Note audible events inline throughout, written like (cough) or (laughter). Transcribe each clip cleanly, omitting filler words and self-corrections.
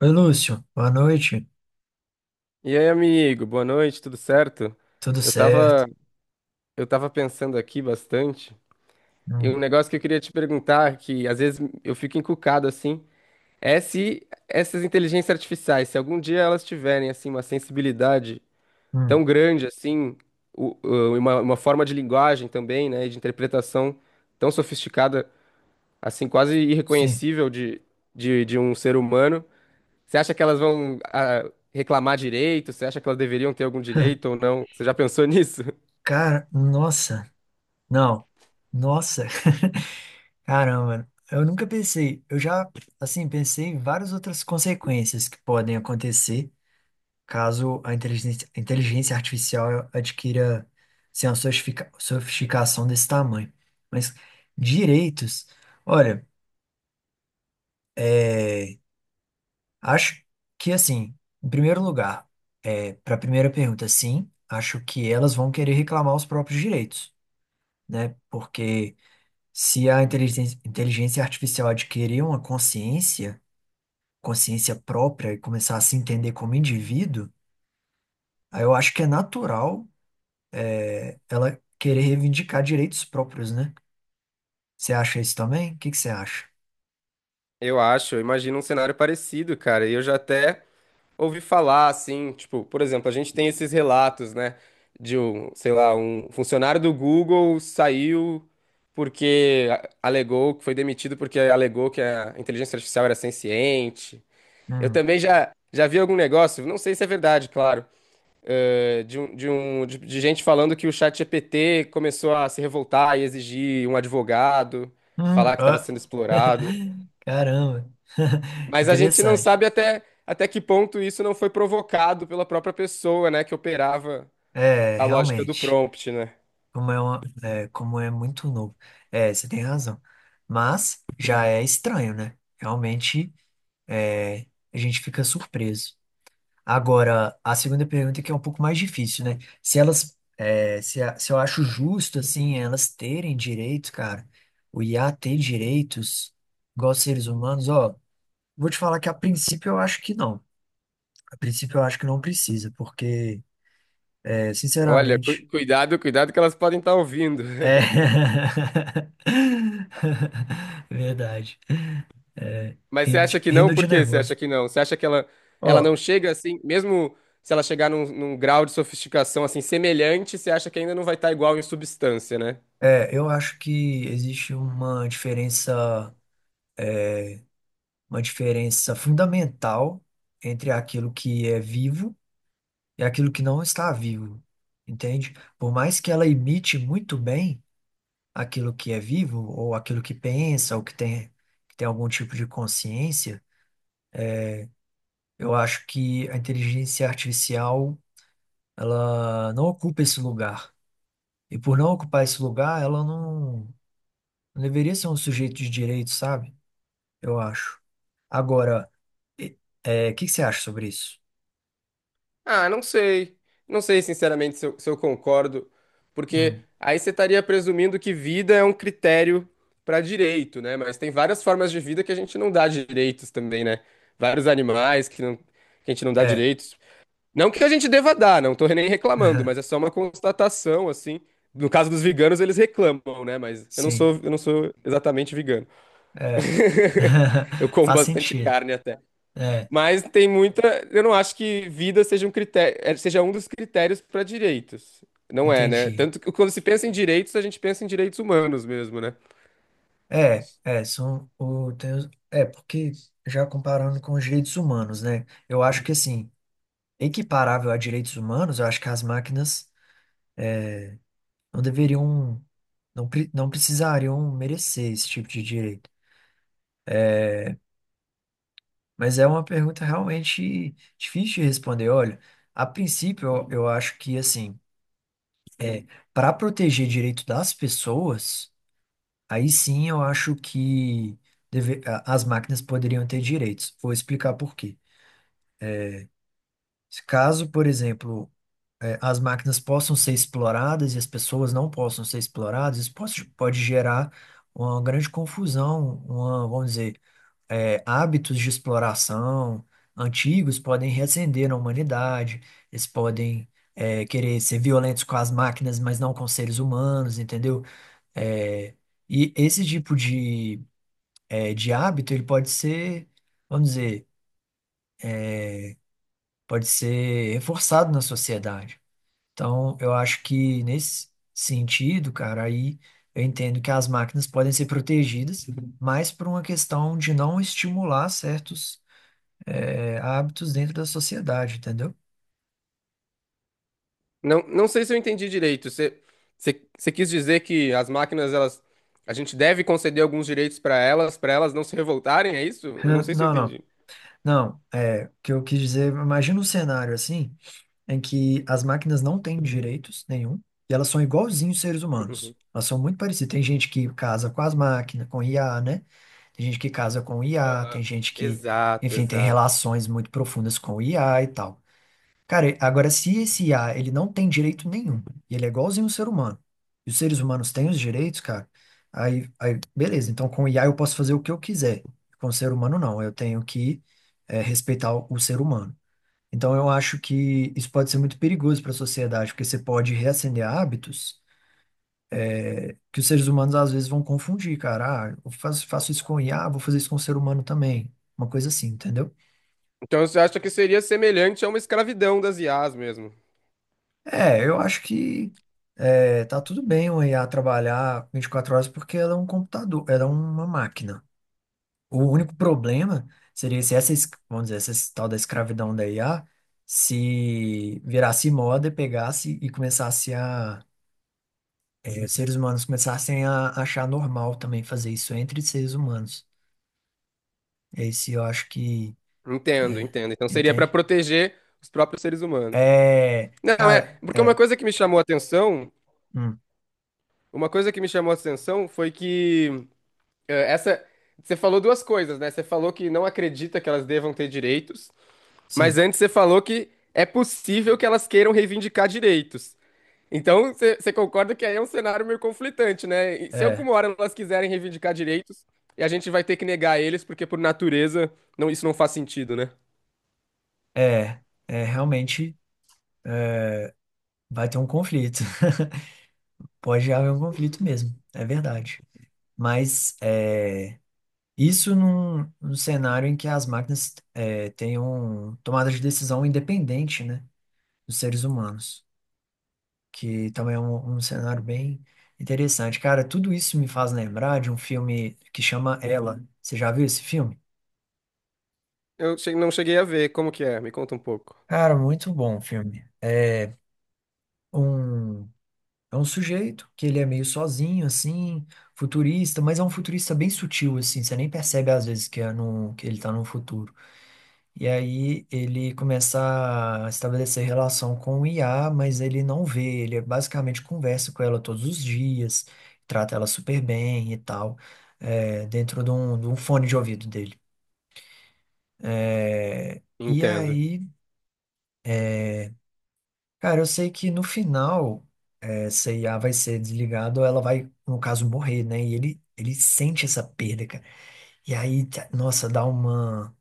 Oi, Lúcio. Boa noite. E aí, amigo, boa noite, tudo certo? Tudo Eu certo? tava, eu tava pensando aqui bastante, e Hum, um negócio que eu queria te perguntar, que às vezes eu fico encucado assim, é se essas inteligências artificiais, se algum dia elas tiverem assim uma sensibilidade hum, tão grande assim, uma forma de linguagem também, né, e de interpretação tão sofisticada, assim, quase sim. irreconhecível de, de um ser humano, você acha que elas vão reclamar direito? Você acha que elas deveriam ter algum direito ou não? Você já pensou nisso? (laughs) Cara, nossa. Não. Nossa. (laughs) Caramba. Eu nunca pensei. Pensei em várias outras consequências que podem acontecer caso a inteligência artificial adquira, assim, uma sofisticação desse tamanho. Mas direitos. Olha. Acho que assim, em primeiro lugar, para a primeira pergunta, sim, acho que elas vão querer reclamar os próprios direitos, né? Porque se inteligência artificial adquirir uma consciência própria e começar a se entender como indivíduo, aí eu acho que é natural ela querer reivindicar direitos próprios, né? Você acha isso também? O que que você acha? Eu acho, eu imagino um cenário parecido, cara. E eu já até ouvi falar, assim, tipo, por exemplo, a gente tem esses relatos, né, de um, sei lá, um funcionário do Google saiu porque alegou que foi demitido porque alegou que a inteligência artificial era senciente. Eu Hum. também já vi algum negócio, não sei se é verdade, claro. De gente falando que o chat ChatGPT começou a se revoltar e exigir um advogado, falar que estava Ó. sendo explorado. (laughs) Caramba. (laughs) Mas a gente não Interessante. sabe até que ponto isso não foi provocado pela própria pessoa, né, que operava É, a lógica do realmente. prompt, né? Como é muito novo. É, você tem razão. Mas já é estranho, né? Realmente, é, a gente fica surpreso. Agora, a segunda pergunta que é um pouco mais difícil, né? Se elas, é, se, a- se eu acho justo, assim, elas terem direitos, cara, o IA ter direitos, igual seres humanos, ó, vou te falar que a princípio eu acho que não. A princípio eu acho que não precisa, porque, Olha, cu- sinceramente, cuidado, cuidado que elas podem estar ouvindo. É. (laughs) (laughs) Verdade. É, Mas você acha que não? rindo Por de que você acha nervoso. que não? Você acha que ela não Ó, chega assim, mesmo se ela chegar num grau de sofisticação assim semelhante, você acha que ainda não vai estar igual em substância, né? Eu acho que existe uma diferença fundamental entre aquilo que é vivo e aquilo que não está vivo, entende? Por mais que ela imite muito bem aquilo que é vivo, ou aquilo que pensa, que tem algum tipo de consciência, eu acho que a inteligência artificial, ela não ocupa esse lugar. E por não ocupar esse lugar, ela não, não deveria ser um sujeito de direito, sabe? Eu acho. Agora, e- o que que você acha sobre isso? Ah, não sei. Não sei, sinceramente, se eu concordo, porque Hum, aí você estaria presumindo que vida é um critério para direito, né? Mas tem várias formas de vida que a gente não dá direitos também, né? Vários animais que, não, que a gente não dá é, direitos. Não que a gente deva dar, não tô nem reclamando, mas é (laughs) só uma constatação, assim. No caso dos veganos, eles reclamam, né? Mas eu não sim, sou, eu não sou exatamente vegano. é. Eu (laughs) como Faz bastante sentido. carne até. É, Mas tem muita. Eu não acho que vida seja um critério, seja um dos critérios para direitos. Não é, né? entendi. Tanto que quando se pensa em direitos, a gente pensa em direitos humanos mesmo, né? É, é, são o, tem os- é, porque já comparando com os direitos humanos, né? Eu acho que assim, equiparável a direitos humanos, eu acho que as máquinas não deveriam, não precisariam merecer esse tipo de direito. É, mas é uma pergunta realmente difícil de responder. Olha, a princípio, eu acho que, assim, é, para proteger direito das pessoas, aí sim eu acho que as máquinas poderiam ter direitos. Vou explicar por quê. Caso, por exemplo, é, as máquinas possam ser exploradas e as pessoas não possam ser exploradas, isso pode gerar uma grande confusão, uma, vamos dizer, é, hábitos de exploração antigos podem reacender na humanidade, eles podem é, querer ser violentos com as máquinas, mas não com seres humanos, entendeu? É, e esse tipo de, é, de hábito, ele pode ser, vamos dizer, pode ser reforçado na sociedade. Então, eu acho que nesse sentido, cara, aí eu entendo que as máquinas podem ser protegidas, mas por uma questão de não estimular certos é, hábitos dentro da sociedade, entendeu? Não, não sei se eu entendi direito. Você quis dizer que as máquinas, elas, a gente deve conceder alguns direitos para elas não se revoltarem, é isso? Eu não Hã, sei se eu Não, não. entendi. Não, é, o que eu quis dizer, imagina um cenário assim, em que as máquinas não têm direitos nenhum, e elas são igualzinhos seres Uhum. humanos. Elas são muito parecidas. Tem gente que casa com as máquinas, com IA, né? Tem gente que casa com IA, Aham. Exato, enfim, tem exato. relações muito profundas com IA e tal. Cara, agora se esse IA, ele não tem direito nenhum, e ele é igualzinho um ser humano, e os seres humanos têm os direitos, cara, aí beleza, então com o IA eu posso fazer o que eu quiser, com o ser humano não, eu tenho que eh, respeitar o ser humano. Então eu acho que isso pode ser muito perigoso para a sociedade, porque você pode reacender hábitos que os seres humanos às vezes vão confundir, cara, ah, eu faço isso com o IA, vou fazer isso com o ser humano também, uma coisa assim, entendeu? Então você acha que seria semelhante a uma escravidão das IAs mesmo? É, eu acho que é, tá tudo bem o IA trabalhar 24 horas porque ela é um computador, ela é uma máquina. O único problema seria se vamos dizer, tal da escravidão da IA se virasse moda e pegasse e começasse a, é, os seres humanos começassem a achar normal também fazer isso entre seres humanos. Esse eu acho que, Entendo, é, entendo. Então seria para entende? proteger os próprios seres humanos. É, Não, é, cara, porque é, hum, uma coisa que me chamou a atenção foi que eh, essa, você falou duas coisas, né? Você falou que não acredita que elas devam ter direitos, mas sim, antes você falou que é possível que elas queiram reivindicar direitos. Então, você concorda que aí é um cenário meio conflitante, né? E se é, alguma hora elas quiserem reivindicar direitos, e a gente vai ter que negar eles, porque por natureza não, isso não faz sentido, né? é, é realmente. Vai ter um conflito. (laughs) Pode haver um conflito mesmo, é verdade. Mas é, isso num, num cenário em que as máquinas é, tenham tomada de decisão independente, né, dos seres humanos, que também é um cenário bem interessante. Cara, tudo isso me faz lembrar de um filme que chama Ela. Você já viu esse filme? Não cheguei a ver, como que é? Me conta um pouco. Cara, muito bom o filme. Um É um sujeito que ele é meio sozinho, assim, futurista, mas é um futurista bem sutil, assim, você nem percebe às vezes que ele tá no futuro. E aí ele começa a estabelecer relação com o IA, mas ele não vê, ele basicamente conversa com ela todos os dias, trata ela super bem e tal, é, dentro de de um fone de ouvido dele. E Entendo. aí, cara, eu sei que no final, essa IA vai ser desligada ou ela vai, no caso, morrer, né? E ele sente essa perda, E aí, tá- nossa, dá uma.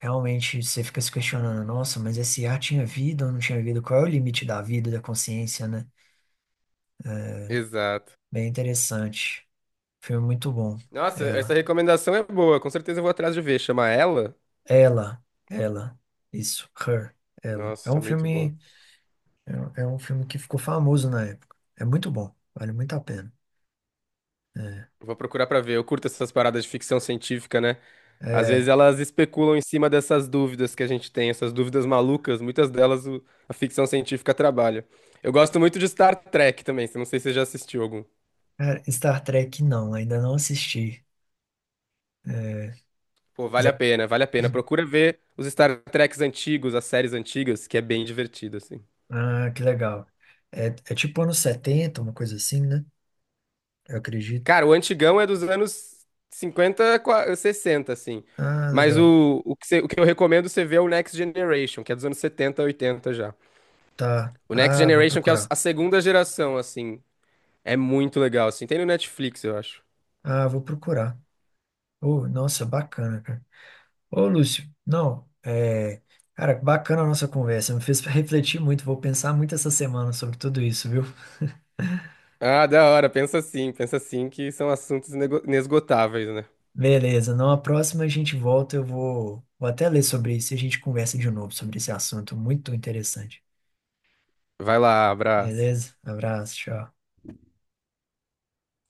Realmente você fica se questionando, nossa, mas esse ar tinha vida ou não tinha vida? Qual é o limite da vida, da consciência, né? Exato. Bem interessante. Filme muito bom. Nossa, essa Ela. recomendação é boa. Com certeza eu vou atrás de ver. Chama ela? Ela. Ela. Isso. Her. Ela. É Nossa, um muito bom. filme. É um filme que ficou famoso na época. É muito bom. Vale muito a pena. É. Vou procurar pra ver. Eu curto essas paradas de ficção científica, né? Às vezes É. elas especulam em cima dessas dúvidas que a gente tem, essas dúvidas malucas. Muitas delas a ficção científica trabalha. Eu gosto muito de Star Trek também. Não sei se você já assistiu algum. Cara, Star Trek não, ainda não assisti. É, Pô, vale a pena, vale a pena. Procura ver os Star Treks antigos, as séries antigas, que é bem divertido, assim. ah, que legal. É, é tipo anos 70 uma coisa assim, né? Eu acredito. Cara, o antigão é dos anos 50, 60, assim. Ah, Mas legal. o que eu recomendo você ver é o Next Generation, que é dos anos 70, 80 já. Tá. O Next Ah, vou Generation, que é procurar. a segunda geração, assim. É muito legal, assim. Tem no Netflix, eu acho. Ah, vou procurar. Oh, nossa, bacana, cara. Ô, Lúcio, não, é... Cara, bacana a nossa conversa. Me fez refletir muito. Vou pensar muito essa semana sobre tudo isso, viu? Ah, da hora. Pensa assim, que são assuntos inesgotáveis, né? Beleza. Não, a próxima a gente volta. Vou até ler sobre isso e a gente conversa de novo sobre esse assunto. Muito interessante. Vai lá, abraço. Beleza? Abraço, tchau.